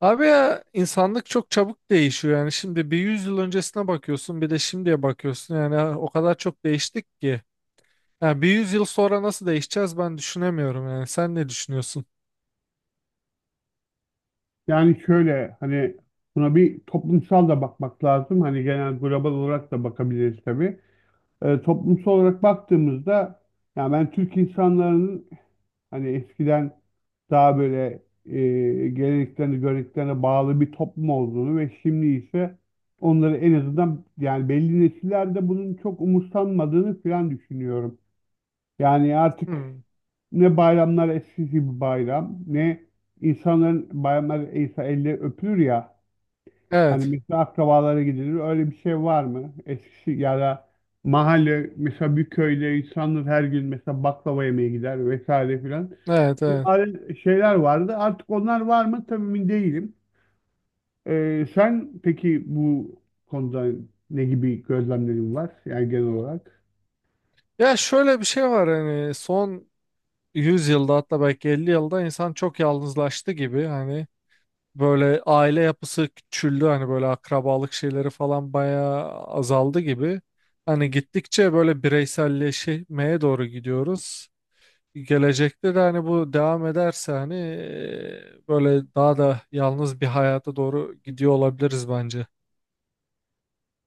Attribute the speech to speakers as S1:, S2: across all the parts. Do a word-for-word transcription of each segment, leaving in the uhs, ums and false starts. S1: Abi ya insanlık çok çabuk değişiyor yani şimdi bir yüz yıl öncesine bakıyorsun bir de şimdiye bakıyorsun yani o kadar çok değiştik ki. Yani bir yüz yıl sonra nasıl değişeceğiz ben düşünemiyorum yani sen ne düşünüyorsun?
S2: Yani şöyle hani buna bir toplumsal da bakmak lazım. Hani genel global olarak da bakabiliriz tabii. Ee, toplumsal olarak baktığımızda yani ben Türk insanların hani eskiden daha böyle e, geleneklerine, göreneklerine bağlı bir toplum olduğunu ve şimdi ise onları en azından yani belli nesillerde bunun çok umursanmadığını falan düşünüyorum. Yani artık
S1: Hmm.
S2: ne bayramlar eskisi gibi bayram ne insanların bayramlar ise elle öpülür ya. Hani
S1: Evet,
S2: mesela akrabalara gidilir. Öyle bir şey var mı? Eskişi ya da mahalle, mesela bir köyde insanlar her gün mesela baklava yemeye gider vesaire filan.
S1: evet,
S2: Bir
S1: evet.
S2: adet- şeyler vardı. Artık onlar var mı? Tabii emin değilim. Ee, sen peki bu konuda ne gibi gözlemlerin var? Yani genel olarak.
S1: Ya şöyle bir şey var hani son yüz yılda hatta belki elli yılda insan çok yalnızlaştı gibi hani böyle aile yapısı küçüldü hani böyle akrabalık şeyleri falan bayağı azaldı gibi. Hani gittikçe böyle bireyselleşmeye doğru gidiyoruz. Gelecekte de hani bu devam ederse hani e, böyle daha da yalnız bir hayata doğru gidiyor olabiliriz bence.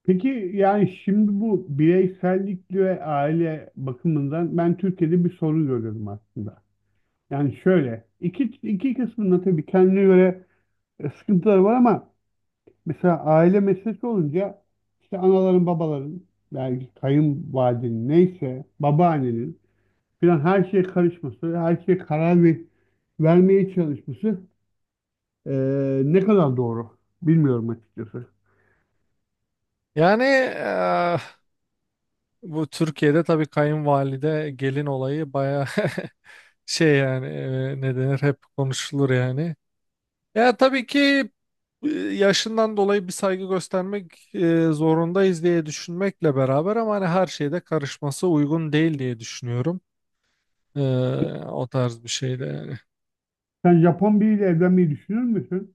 S2: Peki yani şimdi bu bireysellik ve aile bakımından ben Türkiye'de bir sorun görüyorum aslında. Yani şöyle iki, iki kısmında tabii kendine göre e, sıkıntıları var ama mesela aile meselesi olunca işte anaların babaların belki kayınvalidenin neyse babaannenin filan her şeye karışması, her şeye karar ver, vermeye çalışması e, ne kadar doğru bilmiyorum açıkçası.
S1: Yani e, bu Türkiye'de tabii kayınvalide gelin olayı baya şey yani e, ne denir hep konuşulur yani. Ya tabii ki e, yaşından dolayı bir saygı göstermek e, zorundayız diye düşünmekle beraber ama hani her şeyde karışması uygun değil diye düşünüyorum. E, O tarz bir şeyde yani.
S2: Sen Japon biriyle evlenmeyi düşünür müsün?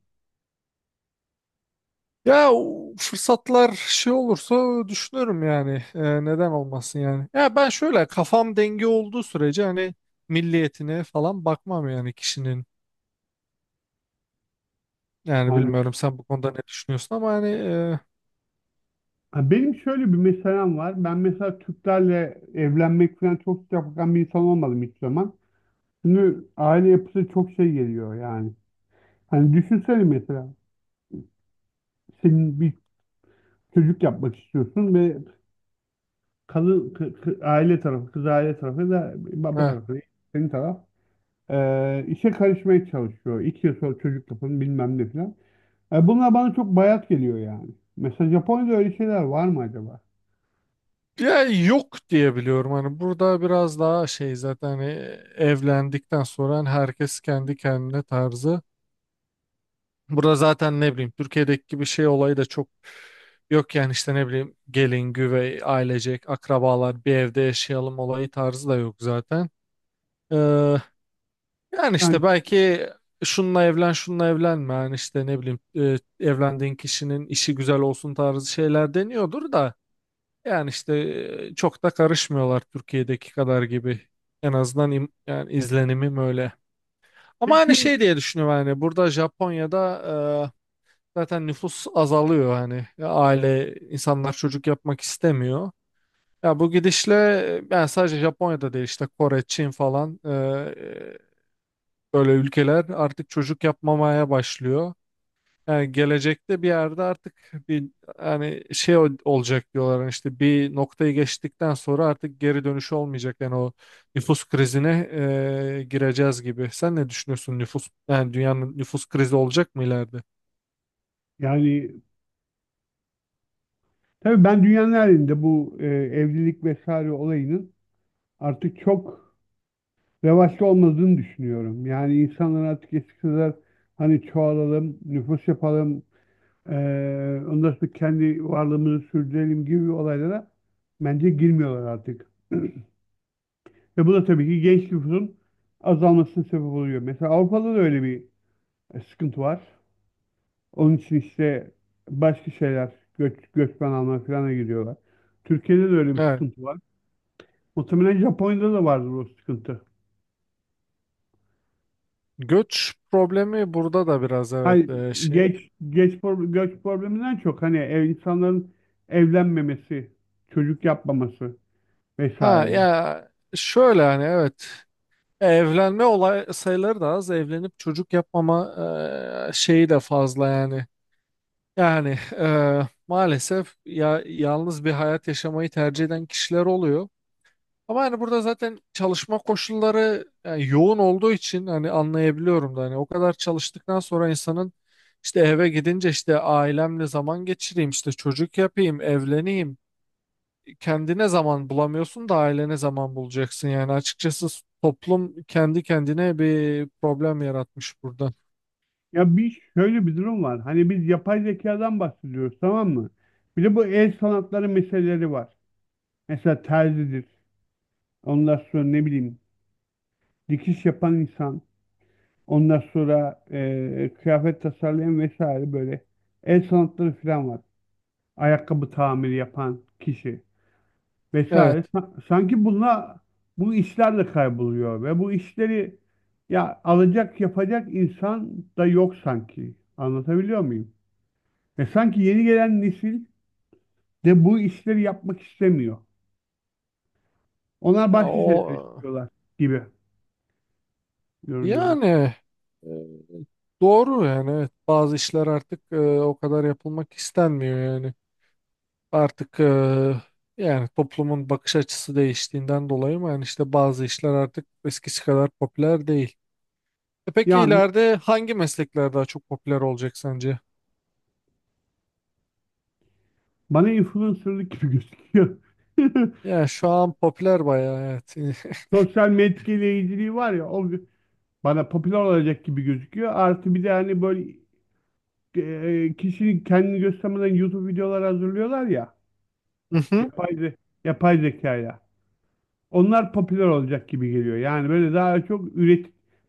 S1: Ya o fırsatlar şey olursa düşünürüm yani. Ee, neden olmasın yani. Ya ben şöyle kafam denge olduğu sürece hani milliyetine falan bakmam yani kişinin. Yani
S2: Handan?
S1: bilmiyorum sen bu konuda ne düşünüyorsun ama hani e,
S2: Ha, benim şöyle bir meselem var. Ben mesela Türklerle evlenmek falan çok sıcak bakan bir insan olmadım hiç zaman. Çünkü aile yapısı çok şey geliyor yani. Hani düşünsene mesela, senin bir çocuk yapmak istiyorsun ve kadın kı- kı- aile tarafı, kız aile tarafı da baba
S1: e,
S2: tarafı, senin taraf e, işe karışmaya çalışıyor. İki yıl sonra çocuk yapın bilmem ne falan. E, bunlar bana çok bayat geliyor yani. Mesela Japonya'da öyle şeyler var mı acaba?
S1: ya yok diye biliyorum hani burada biraz daha şey zaten hani evlendikten sonra hani herkes kendi kendine tarzı. Burada zaten ne bileyim Türkiye'deki gibi şey olayı da çok yok yani işte ne bileyim gelin, güvey, ailecek, akrabalar bir evde yaşayalım olayı tarzı da yok zaten. Ee, Yani
S2: Yani
S1: işte belki şununla evlen, şununla evlenme yani işte ne bileyim e, evlendiğin kişinin işi güzel olsun tarzı şeyler deniyordur da yani işte e, çok da karışmıyorlar Türkiye'deki kadar gibi. En azından im- yani izlenimim öyle. Ama hani
S2: peki
S1: şey diye düşünüyorum yani burada Japonya'da e, zaten nüfus azalıyor hani. Ya aile insanlar çocuk yapmak istemiyor. Ya bu gidişle yani sadece Japonya'da değil işte Kore, Çin falan e, böyle ülkeler artık çocuk yapmamaya başlıyor. Yani gelecekte bir yerde artık bir hani şey ol- olacak diyorlar hani işte bir noktayı geçtikten sonra artık geri dönüşü olmayacak yani o nüfus krizine e, gireceğiz gibi. Sen ne düşünüyorsun nüfus yani dünyanın nüfus krizi olacak mı ileride?
S2: yani tabii ben dünyanın her yerinde bu e, evlilik vesaire olayının artık çok revaçta olmadığını düşünüyorum. Yani insanlar artık eskisi kadar hani çoğalalım, nüfus yapalım, eee ondan sonra kendi varlığımızı sürdürelim gibi olaylara bence girmiyorlar artık. Ve bu da tabii ki genç nüfusun azalmasına sebep oluyor. Mesela Avrupa'da da öyle bir e, sıkıntı var. Onun için işte başka şeyler, göç, göçmen alma falan giriyorlar. Türkiye'de de öyle bir
S1: Yani
S2: sıkıntı var. Muhtemelen Japonya'da da vardır o sıkıntı.
S1: göç problemi burada da biraz,
S2: Hani
S1: evet, e, şey.
S2: geç geç pro- göç probleminden çok hani ev, insanların evlenmemesi, çocuk yapmaması
S1: Ha
S2: vesaire.
S1: ya şöyle hani evet, evlenme olay sayıları da az, evlenip çocuk yapmama e, şeyi de fazla yani. Yani e, maalesef ya yalnız bir hayat yaşamayı tercih eden kişiler oluyor. Ama hani burada zaten çalışma koşulları yani yoğun olduğu için hani anlayabiliyorum da hani o kadar çalıştıktan sonra insanın işte eve gidince işte ailemle zaman geçireyim, işte çocuk yapayım, evleneyim. Kendine zaman bulamıyorsun da ailene zaman bulacaksın yani açıkçası toplum kendi kendine bir problem yaratmış burada.
S2: Ya bir şöyle bir durum var. Hani biz yapay zekadan bahsediyoruz, tamam mı? Bir de bu el sanatları meseleleri var. Mesela terzidir. Ondan sonra ne bileyim dikiş yapan insan. Ondan sonra e, kıyafet tasarlayan vesaire, böyle el sanatları falan var. Ayakkabı tamiri yapan kişi
S1: Evet.
S2: vesaire. Sa- Sanki bununla bu işlerle kayboluyor ve bu işleri ya alacak yapacak insan da yok sanki. Anlatabiliyor muyum? Ve sanki yeni gelen nesil de bu işleri yapmak istemiyor. Onlar
S1: Ya
S2: başka şeyler
S1: o
S2: istiyorlar gibi görünüyor bana.
S1: yani e, doğru yani, evet, bazı işler artık e, o kadar yapılmak istenmiyor yani. Artık e, yani toplumun bakış açısı değiştiğinden dolayı mı yani işte bazı işler artık eskisi kadar popüler değil. E peki
S2: Yani
S1: ileride hangi meslekler daha çok popüler olacak sence?
S2: bana influencerlık gibi gözüküyor.
S1: Ya şu an popüler bayağı,
S2: Sosyal medya etkileyiciliği var ya, o bana popüler olacak gibi gözüküyor. Artı bir de hani böyle e, kişinin kendini göstermeden YouTube videolar hazırlıyorlar ya.
S1: evet.
S2: Yapay, ze- Yapay zekayla. Onlar popüler olacak gibi geliyor. Yani böyle daha çok üret,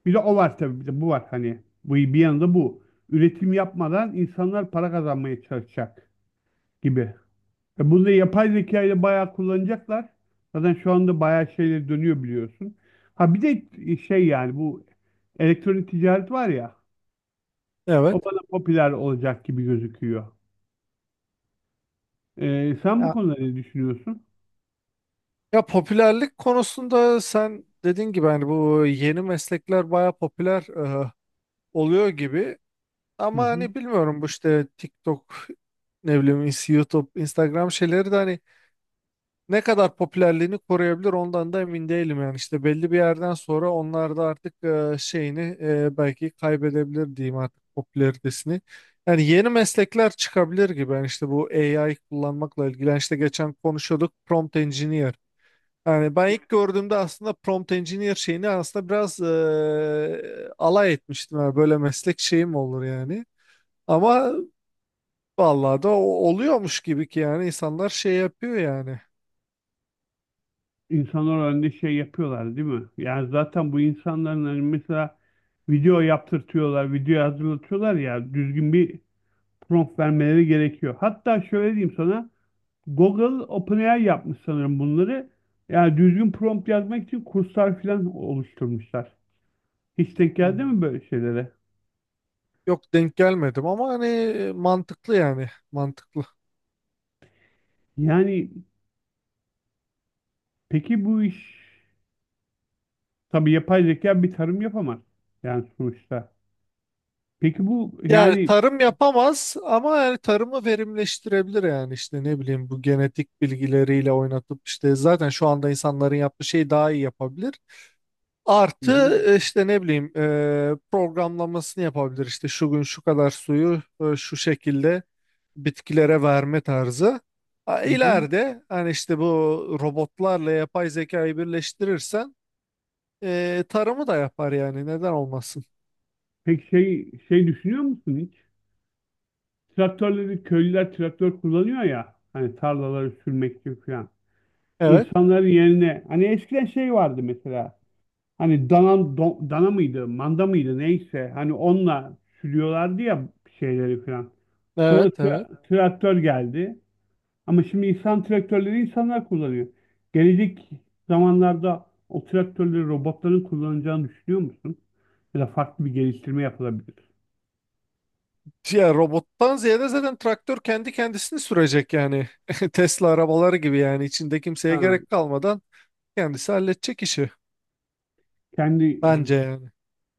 S2: bir de o var tabii, bir de bu var, hani bu bir yanında bu. Üretim yapmadan insanlar para kazanmaya çalışacak gibi. E bunu da yapay zekayla bayağı kullanacaklar. Zaten şu anda bayağı şeyler dönüyor, biliyorsun. Ha bir de e, şey, yani bu elektronik ticaret var ya,
S1: Evet.
S2: o bana popüler olacak gibi gözüküyor. E, sen bu
S1: Ya,
S2: konuda ne düşünüyorsun?
S1: Ya popülerlik konusunda sen dediğin gibi hani bu yeni meslekler baya popüler e, oluyor gibi.
S2: Hı
S1: Ama
S2: hı.
S1: hani bilmiyorum bu işte TikTok, ne bileyim, ins- YouTube, Instagram şeyleri de hani ne kadar popülerliğini koruyabilir ondan da emin değilim yani. İşte belli bir yerden sonra onlar da artık e, şeyini e, belki kaybedebilir diyeyim artık popülaritesini. Yani yeni meslekler çıkabilir gibi. Yani işte bu A I kullanmakla ilgili yani işte geçen konuşuyorduk prompt engineer. Yani ben ilk gördüğümde aslında prompt engineer şeyini aslında biraz eee, alay etmiştim. Yani böyle meslek şeyi mi olur yani? Ama vallahi da o- oluyormuş gibi ki yani insanlar şey yapıyor yani.
S2: insanlar önünde şey yapıyorlar değil mi? Yani zaten bu insanların hani mesela video yaptırtıyorlar, video hazırlatıyorlar ya, düzgün bir prompt vermeleri gerekiyor. Hatta şöyle diyeyim sana, Google OpenAI yapmış sanırım bunları. Yani düzgün prompt yazmak için kurslar falan oluşturmuşlar. Hiç denk geldi
S1: Hmm.
S2: mi böyle şeylere?
S1: Yok, denk gelmedim ama hani mantıklı yani, mantıklı.
S2: Yani peki bu iş, tabii yapay zeka bir tarım yapamaz yani sonuçta. Peki bu
S1: Yani
S2: yani.
S1: tarım yapamaz ama yani tarımı verimleştirebilir yani işte ne bileyim bu genetik bilgileriyle oynatıp işte zaten şu anda insanların yaptığı şeyi daha iyi yapabilir.
S2: Hı hı.
S1: Artı e, işte ne bileyim, e, programlamasını yapabilir işte şu gün şu kadar suyu e, şu şekilde bitkilere verme tarzı. Ha,
S2: Hı hı.
S1: İleride hani işte bu robotlarla yapay zekayı birleştirirsen e, tarımı da yapar yani, neden olmasın.
S2: Peki şey şey düşünüyor musun hiç? Traktörleri köylüler traktör kullanıyor ya hani, tarlaları sürmek için falan.
S1: Evet,
S2: İnsanların yerine hani eskiden şey vardı mesela, hani dana, do- dana mıydı manda mıydı neyse, hani onunla sürüyorlardı ya şeyleri falan. Sonra
S1: evet, evet.
S2: tra- traktör geldi ama şimdi insan traktörleri insanlar kullanıyor. Gelecek zamanlarda o traktörleri robotların kullanacağını düşünüyor musun? Ya da farklı bir geliştirme yapılabilir.
S1: Ya robottan ziyade zaten traktör kendi kendisini sürecek yani. Tesla arabaları gibi yani içinde kimseye
S2: Ha.
S1: gerek kalmadan kendisi halledecek işi
S2: Kendi e,
S1: bence yani.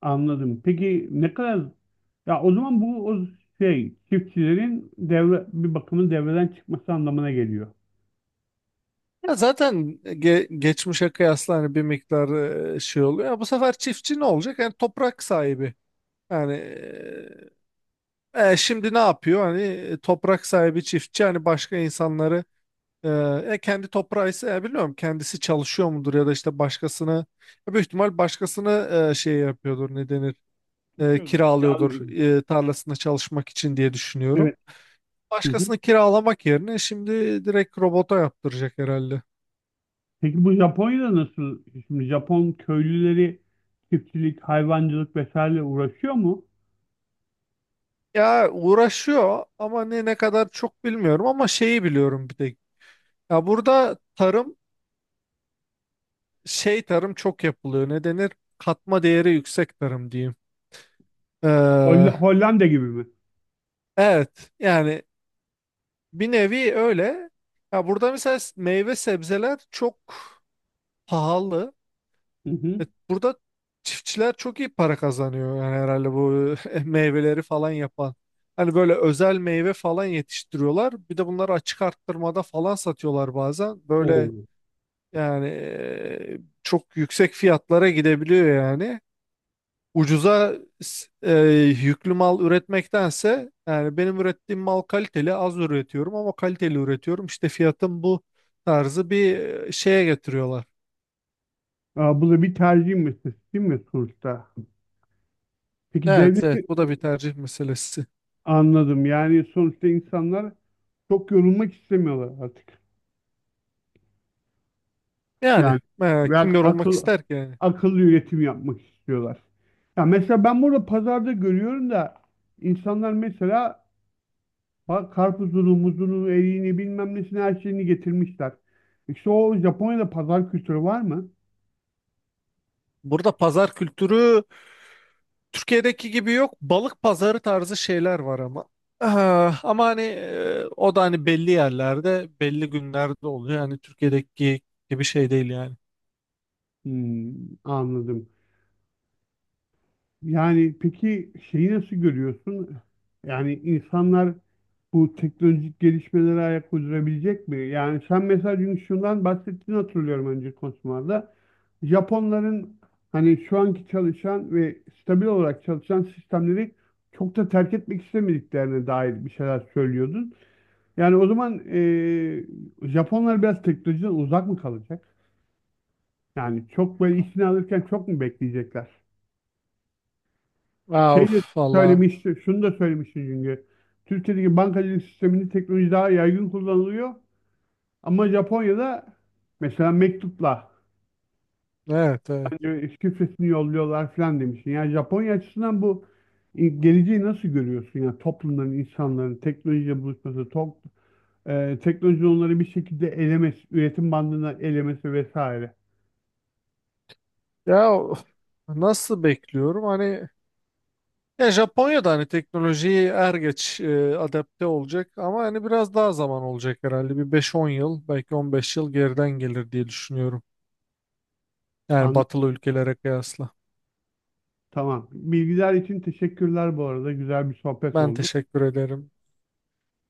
S2: anladım. Peki ne kadar, ya o zaman bu o şey çiftçilerin devre bir bakımın devreden çıkması anlamına geliyor.
S1: Ya zaten ge- geçmişe kıyasla hani bir miktar e, şey oluyor. Ya bu sefer çiftçi ne olacak? Yani toprak sahibi. Yani e, e, şimdi ne yapıyor? Hani e, toprak sahibi çiftçi hani başka insanları e, e, kendi toprağı ise e, bilmiyorum kendisi çalışıyor mudur ya da işte başkasını, e, büyük ihtimal başkasını e, şey yapıyordur, ne denir? E,
S2: Tutuyorduk.
S1: kiralıyordur
S2: Yani
S1: e, tarlasında çalışmak için diye
S2: evet.
S1: düşünüyorum.
S2: Hı hı.
S1: Başkasını kiralamak yerine şimdi direkt robota yaptıracak herhalde.
S2: Peki bu Japonya'da nasıl? Şimdi Japon köylüleri çiftçilik, hayvancılık vesaire uğraşıyor mu?
S1: Ya uğraşıyor ama ne ne kadar çok bilmiyorum ama şeyi biliyorum bir tek. Ya burada tarım şey, tarım çok yapılıyor. Ne denir? Katma değeri yüksek tarım diyeyim.
S2: Holl-
S1: Ee,
S2: Hollanda gibi mi?
S1: evet yani, bir nevi öyle. Ya burada mesela s- meyve sebzeler çok pahalı.
S2: Hı hı.
S1: E, Burada çiftçiler çok iyi para kazanıyor yani herhalde bu meyveleri falan yapan. Hani böyle özel meyve falan yetiştiriyorlar. Bir de bunları açık arttırmada falan satıyorlar bazen. Böyle.
S2: Oo.
S1: Yani eee, çok yüksek fiyatlara gidebiliyor yani. Ucuza s- eee, yüklü mal üretmektense yani benim ürettiğim mal kaliteli, az üretiyorum ama kaliteli üretiyorum. İşte fiyatın bu tarzı bir eee, şeye getiriyorlar.
S2: Aa, bu da bir tercih meselesi değil mi sonuçta? Peki
S1: Evet,
S2: devleti
S1: evet, bu da bir tercih meselesi.
S2: anladım. Yani sonuçta insanlar çok yorulmak istemiyorlar artık.
S1: Yani
S2: Yani
S1: eee,
S2: ve
S1: kim
S2: ak-
S1: yorulmak
S2: akıl
S1: ister ki yani.
S2: akıllı üretim yapmak istiyorlar. Ya mesela ben burada pazarda görüyorum da, insanlar mesela bak karpuzunu, muzunu, eriğini bilmem nesini her şeyini getirmişler. İşte o, Japonya'da pazar kültürü var mı?
S1: Burada pazar kültürü Türkiye'deki gibi yok. Balık pazarı tarzı şeyler var ama. Ah, ama hani e, o da hani belli yerlerde, belli günlerde oluyor. Yani Türkiye'deki gibi şey değil yani.
S2: Hmm, anladım. Yani peki şeyi nasıl görüyorsun? Yani insanlar bu teknolojik gelişmelere ayak uydurabilecek mi? Yani sen mesela dün şundan bahsettiğini hatırlıyorum önce konuşmalarda. Japonların hani şu anki çalışan ve stabil olarak çalışan sistemleri çok da terk etmek istemediklerine dair bir şeyler söylüyordun. Yani o zaman eee, Japonlar biraz teknolojiden uzak mı kalacak? Yani çok böyle işini alırken çok mu bekleyecekler?
S1: Aa,
S2: Şey
S1: of,
S2: de
S1: valla.
S2: söylemiş, şunu da söylemişti çünkü. Türkiye'deki bankacılık sisteminde teknoloji daha yaygın kullanılıyor. Ama Japonya'da mesela mektupla
S1: Evet, evet.
S2: hani şifresini yolluyorlar falan demiştin. Yani Japonya açısından bu e, geleceği nasıl görüyorsun? Yani toplumların, insanların teknolojiyle buluşması, top, e, teknolojinin onları bir şekilde elemesi, üretim bandına elemesi vesaire.
S1: Ya of, nasıl bekliyorum? Hani, ya Japonya'da hani teknolojiyi er geç e, adapte olacak ama hani biraz daha zaman olacak herhalde. Bir beş on yıl, belki on beş yıl geriden gelir diye düşünüyorum. Yani
S2: Anladım.
S1: batılı ülkelere kıyasla.
S2: Tamam. Bilgiler için teşekkürler bu arada. Güzel bir sohbet
S1: Ben
S2: oldu.
S1: teşekkür ederim.